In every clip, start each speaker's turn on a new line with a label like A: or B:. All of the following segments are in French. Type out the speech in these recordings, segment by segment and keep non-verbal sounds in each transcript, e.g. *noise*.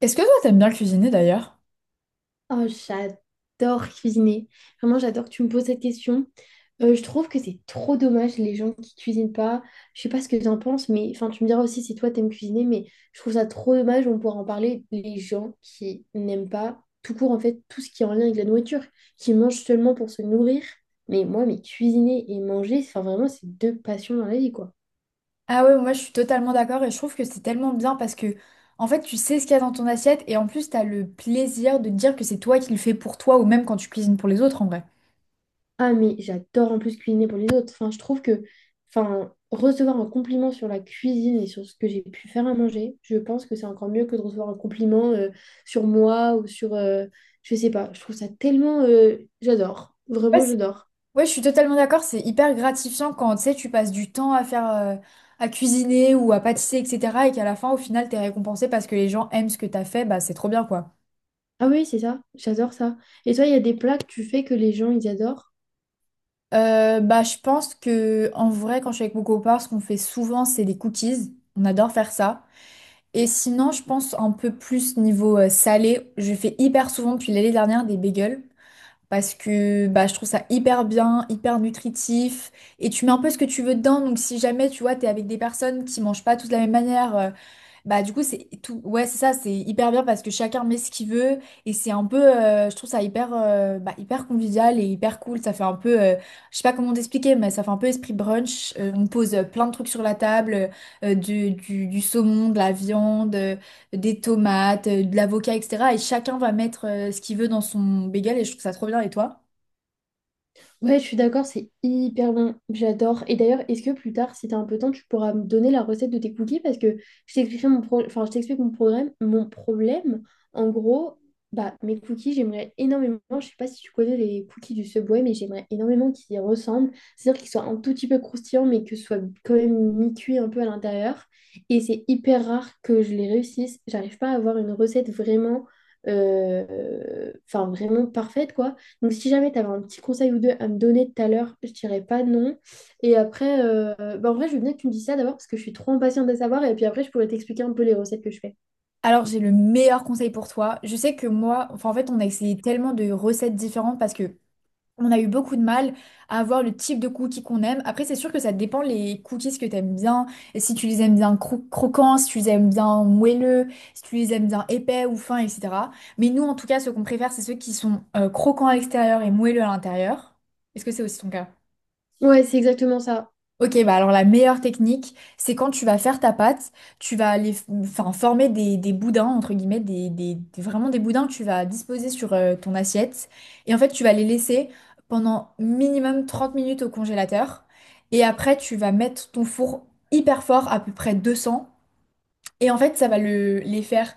A: Est-ce que toi, t'aimes bien cuisiner d'ailleurs?
B: Oh, j'adore cuisiner. Vraiment, j'adore que tu me poses cette question. Je trouve que c'est trop dommage les gens qui cuisinent pas. Je sais pas ce que tu en penses, mais enfin, tu me diras aussi si toi t'aimes cuisiner, mais je trouve ça trop dommage. On pourra en parler. Les gens qui n'aiment pas tout court en fait tout ce qui est en lien avec la nourriture, qui mangent seulement pour se nourrir. Mais cuisiner et manger, enfin vraiment, c'est deux passions dans la vie, quoi.
A: Ah ouais, moi je suis totalement d'accord et je trouve que c'est tellement bien parce que en fait tu sais ce qu'il y a dans ton assiette et en plus t'as le plaisir de te dire que c'est toi qui le fais pour toi ou même quand tu cuisines pour les autres en vrai.
B: Ah, mais j'adore en plus cuisiner pour les autres. Enfin, je trouve que enfin, recevoir un compliment sur la cuisine et sur ce que j'ai pu faire à manger, je pense que c'est encore mieux que de recevoir un compliment sur moi ou sur... je sais pas, je trouve ça tellement... j'adore,
A: Ouais,
B: vraiment
A: c'est-
B: j'adore.
A: ouais, je suis totalement d'accord, c'est hyper gratifiant quand tu sais tu passes du temps à faire à cuisiner ou à pâtisser etc. Et qu'à la fin au final t'es récompensé parce que les gens aiment ce que t'as fait, bah c'est trop bien quoi.
B: Ah oui, c'est ça, j'adore ça. Et toi, il y a des plats que tu fais que les gens, ils adorent?
A: Bah je pense que en vrai quand je suis avec mon copain ce qu'on fait souvent c'est des cookies, on adore faire ça. Et sinon, je pense un peu plus niveau salé. Je fais hyper souvent depuis l'année dernière des bagels parce que bah, je trouve ça hyper bien, hyper nutritif. Et tu mets un peu ce que tu veux dedans. Donc si jamais tu vois, t'es avec des personnes qui mangent pas toutes de la même manière, bah du coup c'est tout ouais c'est ça c'est hyper bien parce que chacun met ce qu'il veut et c'est un peu je trouve ça hyper bah, hyper convivial et hyper cool, ça fait un peu je sais pas comment t'expliquer mais ça fait un peu esprit brunch. On pose plein de trucs sur la table , du saumon, de la viande, des tomates, de l'avocat etc. et chacun va mettre ce qu'il veut dans son bagel et je trouve ça trop bien, et toi?
B: Ouais, je suis d'accord, c'est hyper bon. J'adore. Et d'ailleurs, est-ce que plus tard, si t'as un peu de temps, tu pourras me donner la recette de tes cookies? Parce que je t'expliquerai mon pro- enfin, je t'explique mon programme, mon problème. En gros, bah, mes cookies, j'aimerais énormément. Je sais pas si tu connais les cookies du Subway, mais j'aimerais énormément qu'ils y ressemblent. C'est-à-dire qu'ils soient un tout petit peu croustillants, mais que ce soit quand même mi-cuit un peu à l'intérieur. Et c'est hyper rare que je les réussisse. J'arrive pas à avoir une recette vraiment, enfin, vraiment parfaite, quoi. Donc, si jamais tu avais un petit conseil ou deux à me donner tout à l'heure, je dirais pas non. Et après, bah, en vrai, je veux bien que tu me dises ça d'abord parce que je suis trop impatiente de savoir. Et puis après, je pourrais t'expliquer un peu les recettes que je fais.
A: Alors j'ai le meilleur conseil pour toi, je sais que moi enfin en fait on a essayé tellement de recettes différentes parce que On a eu beaucoup de mal à avoir le type de cookies qu'on aime. Après, c'est sûr que ça dépend les cookies que tu aimes bien. Et si tu les aimes bien croquants, si tu les aimes bien moelleux, si tu les aimes bien épais ou fins, etc. Mais nous, en tout cas, ce qu'on préfère, c'est ceux qui sont croquants à l'extérieur et moelleux à l'intérieur. Est-ce que c'est aussi ton cas?
B: Ouais, c'est exactement ça.
A: Ok, bah alors la meilleure technique, c'est quand tu vas faire ta pâte, tu vas aller enfin, former des boudins, entre guillemets, vraiment des boudins que tu vas disposer sur ton assiette. Et en fait, tu vas les laisser pendant minimum 30 minutes au congélateur. Et après, tu vas mettre ton four hyper fort, à peu près 200. Et en fait, ça va les faire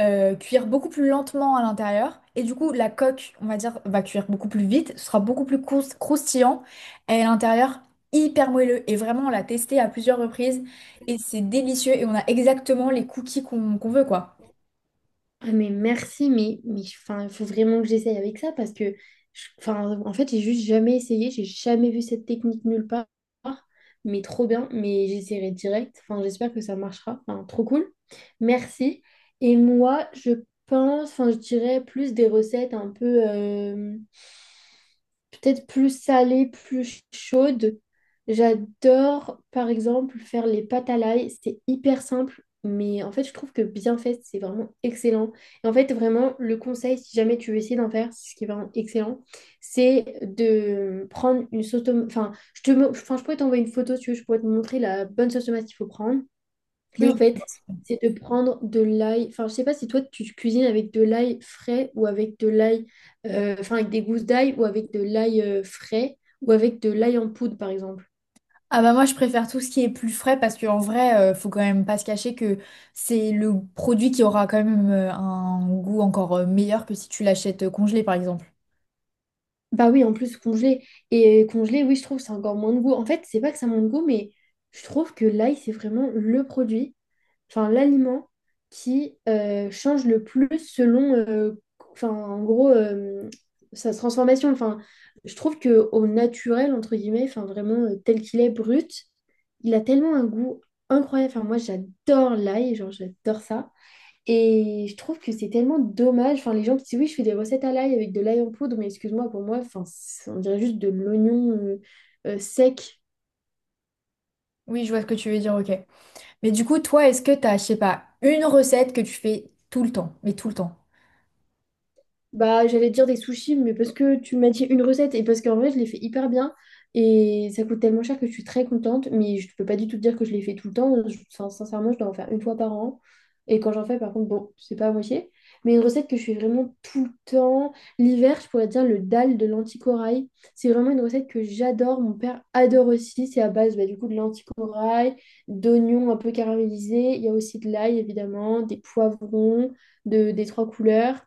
A: cuire beaucoup plus lentement à l'intérieur. Et du coup, la coque, on va dire, va cuire beaucoup plus vite, ce sera beaucoup plus croustillant. Et à l'intérieur, hyper moelleux. Et vraiment, on l'a testé à plusieurs reprises. Et c'est délicieux. Et on a exactement les cookies qu'on veut, quoi.
B: Ah, mais merci, mais enfin, il faut vraiment que j'essaye avec ça parce que, enfin, en fait, j'ai juste jamais essayé. J'ai jamais vu cette technique nulle part. Mais trop bien. Mais j'essaierai direct. Enfin, j'espère que ça marchera. Enfin, trop cool. Merci. Et moi, je pense, enfin, je dirais plus des recettes un peu. Peut-être plus salée, plus chaude. J'adore, par exemple, faire les pâtes à l'ail. C'est hyper simple, mais en fait, je trouve que bien fait, c'est vraiment excellent. Et en fait, vraiment, le conseil, si jamais tu veux essayer d'en faire, c'est ce qui est vraiment excellent, c'est de prendre une sauce tomate. Enfin, enfin, je pourrais t'envoyer une photo, si tu veux, je pourrais te montrer la bonne sauce tomate qu'il faut prendre. Et
A: Oui,
B: en
A: je
B: fait,
A: pense.
B: c'est de prendre de l'ail. Enfin, je sais pas si toi tu cuisines avec de l'ail frais ou avec de l'ail, enfin avec des gousses d'ail ou avec de l'ail frais ou avec de l'ail en poudre par exemple.
A: Ah bah moi je préfère tout ce qui est plus frais parce qu'en vrai faut quand même pas se cacher que c'est le produit qui aura quand même un goût encore meilleur que si tu l'achètes congelé par exemple.
B: Bah oui, en plus congelé. Et congelé, oui, je trouve que c'est encore moins de goût. En fait, c'est pas que ça manque de goût, mais je trouve que l'ail, c'est vraiment le produit, enfin l'aliment qui change le plus selon, enfin en gros, sa transformation. Enfin, je trouve que au naturel, entre guillemets, enfin vraiment tel qu'il est brut, il a tellement un goût incroyable. Enfin, moi, j'adore l'ail, genre j'adore ça. Et je trouve que c'est tellement dommage. Enfin, les gens qui disent oui, je fais des recettes à l'ail avec de l'ail en poudre, mais excuse-moi, pour moi, enfin, c'est- on dirait juste de l'oignon sec.
A: Oui, je vois ce que tu veux dire, ok. Mais du coup, toi, est-ce que t'as, je sais pas, une recette que tu fais tout le temps, mais tout le temps?
B: Bah, j'allais dire des sushis, mais parce que tu m'as dit une recette et parce qu'en vrai, je les fais hyper bien et ça coûte tellement cher que je suis très contente, mais je peux pas du tout te dire que je les fais tout le temps. Enfin, sincèrement, je dois en faire une fois par an. Et quand j'en fais, par contre, bon, c'est pas à moitié. Mais une recette que je fais vraiment tout le temps. L'hiver, je pourrais dire le dalle de l'anticorail. C'est vraiment une recette que j'adore. Mon père adore aussi. C'est à base, bah, du coup, de l'anticorail, d'oignons un peu caramélisés. Il y a aussi de l'ail, évidemment, des poivrons des trois couleurs.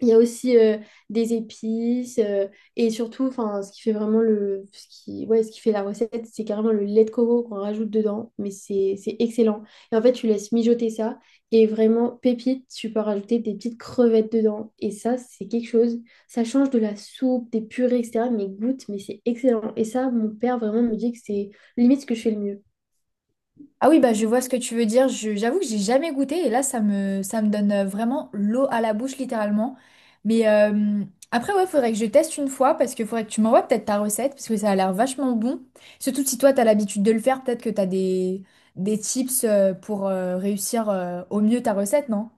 B: Il y a aussi des épices et surtout, enfin, ce qui, ouais, ce qui fait la recette, c'est carrément le lait de coco qu'on rajoute dedans, mais c'est excellent. Et en fait, tu laisses mijoter ça et vraiment pépite, tu peux rajouter des petites crevettes dedans et ça, c'est quelque chose. Ça change de la soupe, des purées, etc. Mais goûte, mais c'est excellent. Et ça, mon père vraiment me dit que c'est limite ce que je fais le mieux.
A: Ah oui, bah je vois ce que tu veux dire. J'avoue que j'ai jamais goûté et là, ça me donne vraiment l'eau à la bouche, littéralement. Mais après, ouais, faudrait que je teste une fois parce que faudrait que tu m'envoies peut-être ta recette parce que ça a l'air vachement bon. Surtout si toi, t'as l'habitude de le faire, peut-être que t'as des tips pour réussir au mieux ta recette, non?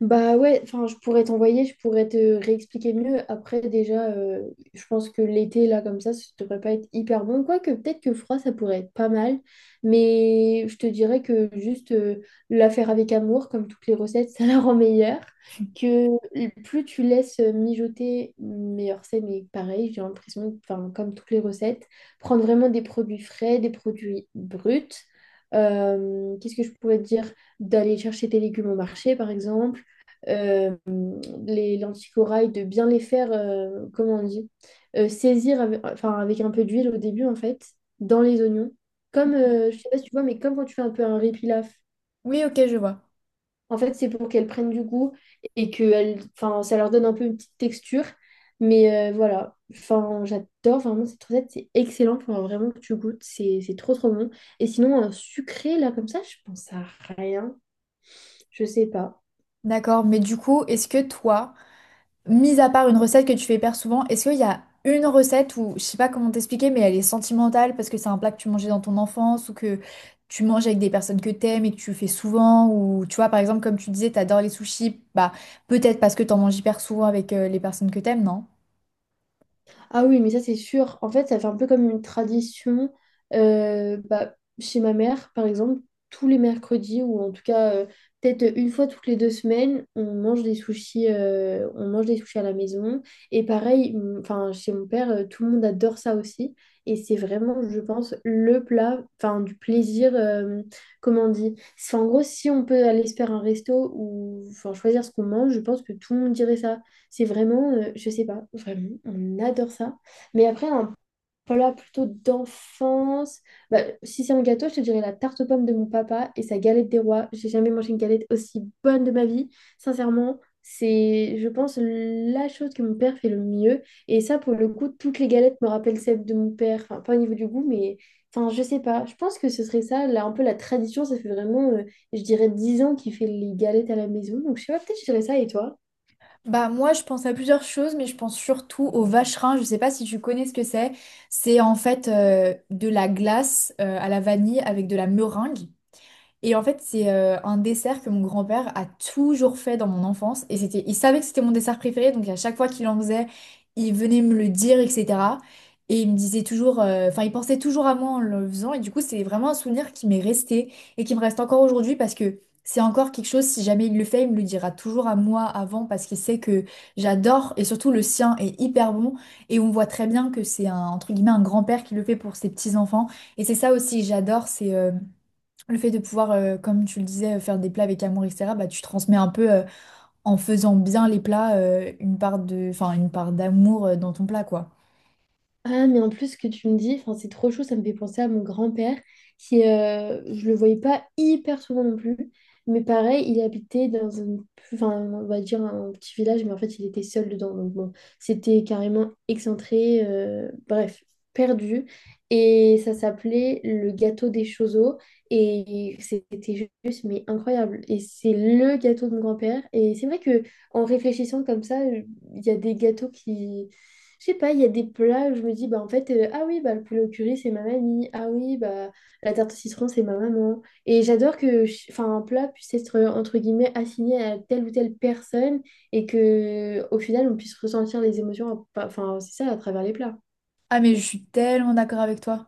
B: Bah ouais, enfin je pourrais t'envoyer, je pourrais te réexpliquer mieux. Après déjà, je pense que l'été là comme ça devrait pas être hyper bon. Quoique peut-être que froid, ça pourrait être pas mal. Mais je te dirais que juste la faire avec amour, comme toutes les recettes, *laughs* ça la rend meilleure. Que plus tu laisses mijoter, meilleur c'est. Mais pareil, j'ai l'impression, enfin comme toutes les recettes, prendre vraiment des produits frais, des produits bruts. Qu'est-ce que je pourrais te dire? D'aller chercher tes légumes au marché, par exemple, euh, les lentilles de bien les faire, comment on dit, saisir avec, enfin, avec un peu d'huile au début, en fait, dans les oignons. Comme, je sais pas si tu vois, mais comme quand tu fais un peu un riz pilaf.
A: Oui, ok, je vois.
B: En fait, c'est pour qu'elles prennent du goût et que enfin, ça leur donne un peu une petite texture. Mais voilà, enfin, j'adore vraiment cette recette, c'est excellent, faut vraiment que tu goûtes, c'est trop bon. Et sinon, un sucré, là, comme ça, je pense à rien, je sais pas.
A: D'accord, mais du coup, est-ce que toi, mis à part une recette que tu fais hyper souvent, est-ce qu'il y a une recette où, je sais pas comment t'expliquer, mais elle est sentimentale parce que c'est un plat que tu mangeais dans ton enfance ou que tu manges avec des personnes que t'aimes et que tu fais souvent ou tu vois, par exemple, comme tu disais, t'adores les sushis, bah peut-être parce que t'en manges hyper souvent avec les personnes que t'aimes, non?
B: Ah oui, mais ça c'est sûr. En fait, ça fait un peu comme une tradition bah, chez ma mère, par exemple, tous les mercredis, ou en tout cas peut-être une fois toutes les deux semaines, on mange des sushis, on mange des sushis à la maison. Et pareil, enfin, chez mon père, tout le monde adore ça aussi. Et c'est vraiment, je pense, le plat, enfin, du plaisir, comment on dit. En gros, si on peut aller se faire un resto ou enfin, choisir ce qu'on mange, je pense que tout le monde dirait ça. C'est vraiment, je sais pas, vraiment, on adore ça. Mais après, un plat plutôt d'enfance. Bah, si c'est un gâteau, je te dirais la tarte aux pommes de mon papa et sa galette des rois. J'ai jamais mangé une galette aussi bonne de ma vie. Sincèrement, c'est, je pense, la chose que mon père fait le mieux. Et ça, pour le coup, toutes les galettes me rappellent celles de mon père. Enfin, pas au niveau du goût, mais enfin, je sais pas. Je pense que ce serait ça, là, un peu la tradition. Ça fait vraiment, je dirais, 10 ans qu'il fait les galettes à la maison. Donc, je sais pas, peut-être je dirais ça. Et toi?
A: Bah moi je pense à plusieurs choses mais je pense surtout au vacherin, je sais pas si tu connais ce que c'est. C'est en fait de la glace à la vanille avec de la meringue. Et en fait, c'est un dessert que mon grand-père a toujours fait dans mon enfance. Et c'était, il savait que c'était mon dessert préféré, donc à chaque fois qu'il en faisait, il venait me le dire, etc. Et il me disait toujours, enfin, il pensait toujours à moi en le faisant. Et du coup, c'est vraiment un souvenir qui m'est resté et qui me reste encore aujourd'hui parce que c'est encore quelque chose, si jamais il le fait, il me le dira toujours à moi avant parce qu'il sait que j'adore et surtout le sien est hyper bon. Et on voit très bien que c'est un, entre guillemets, un grand-père qui le fait pour ses petits-enfants. Et c'est ça aussi que j'adore, c'est... le fait de pouvoir, comme tu le disais, faire des plats avec amour, etc., bah, tu transmets un peu, en faisant bien les plats, une part de, enfin, une part d'amour, dans ton plat, quoi.
B: Ah, mais en plus, ce que tu me dis, enfin, c'est trop chaud, ça me fait penser à mon grand-père, qui, je le voyais pas hyper souvent non plus, mais pareil, il habitait dans un, enfin, on va dire un petit village, mais en fait, il était seul dedans, donc bon, c'était carrément excentré, bref, perdu, et ça s'appelait le gâteau des Chozos, et c'était juste, mais incroyable, et c'est le gâteau de mon grand-père, et c'est vrai que en réfléchissant comme ça, il y a des gâteaux qui je sais pas, il y a des plats où je me dis, bah en fait, ah oui, bah le poulet au curry, c'est ma mamie. Ah oui, bah la tarte au citron, c'est ma maman. Et j'adore que enfin, un plat puisse être, entre guillemets, assigné à telle ou telle personne et que au final, on puisse ressentir les émotions, enfin, c'est ça, à travers les plats.
A: Ah, mais je suis tellement d'accord avec toi.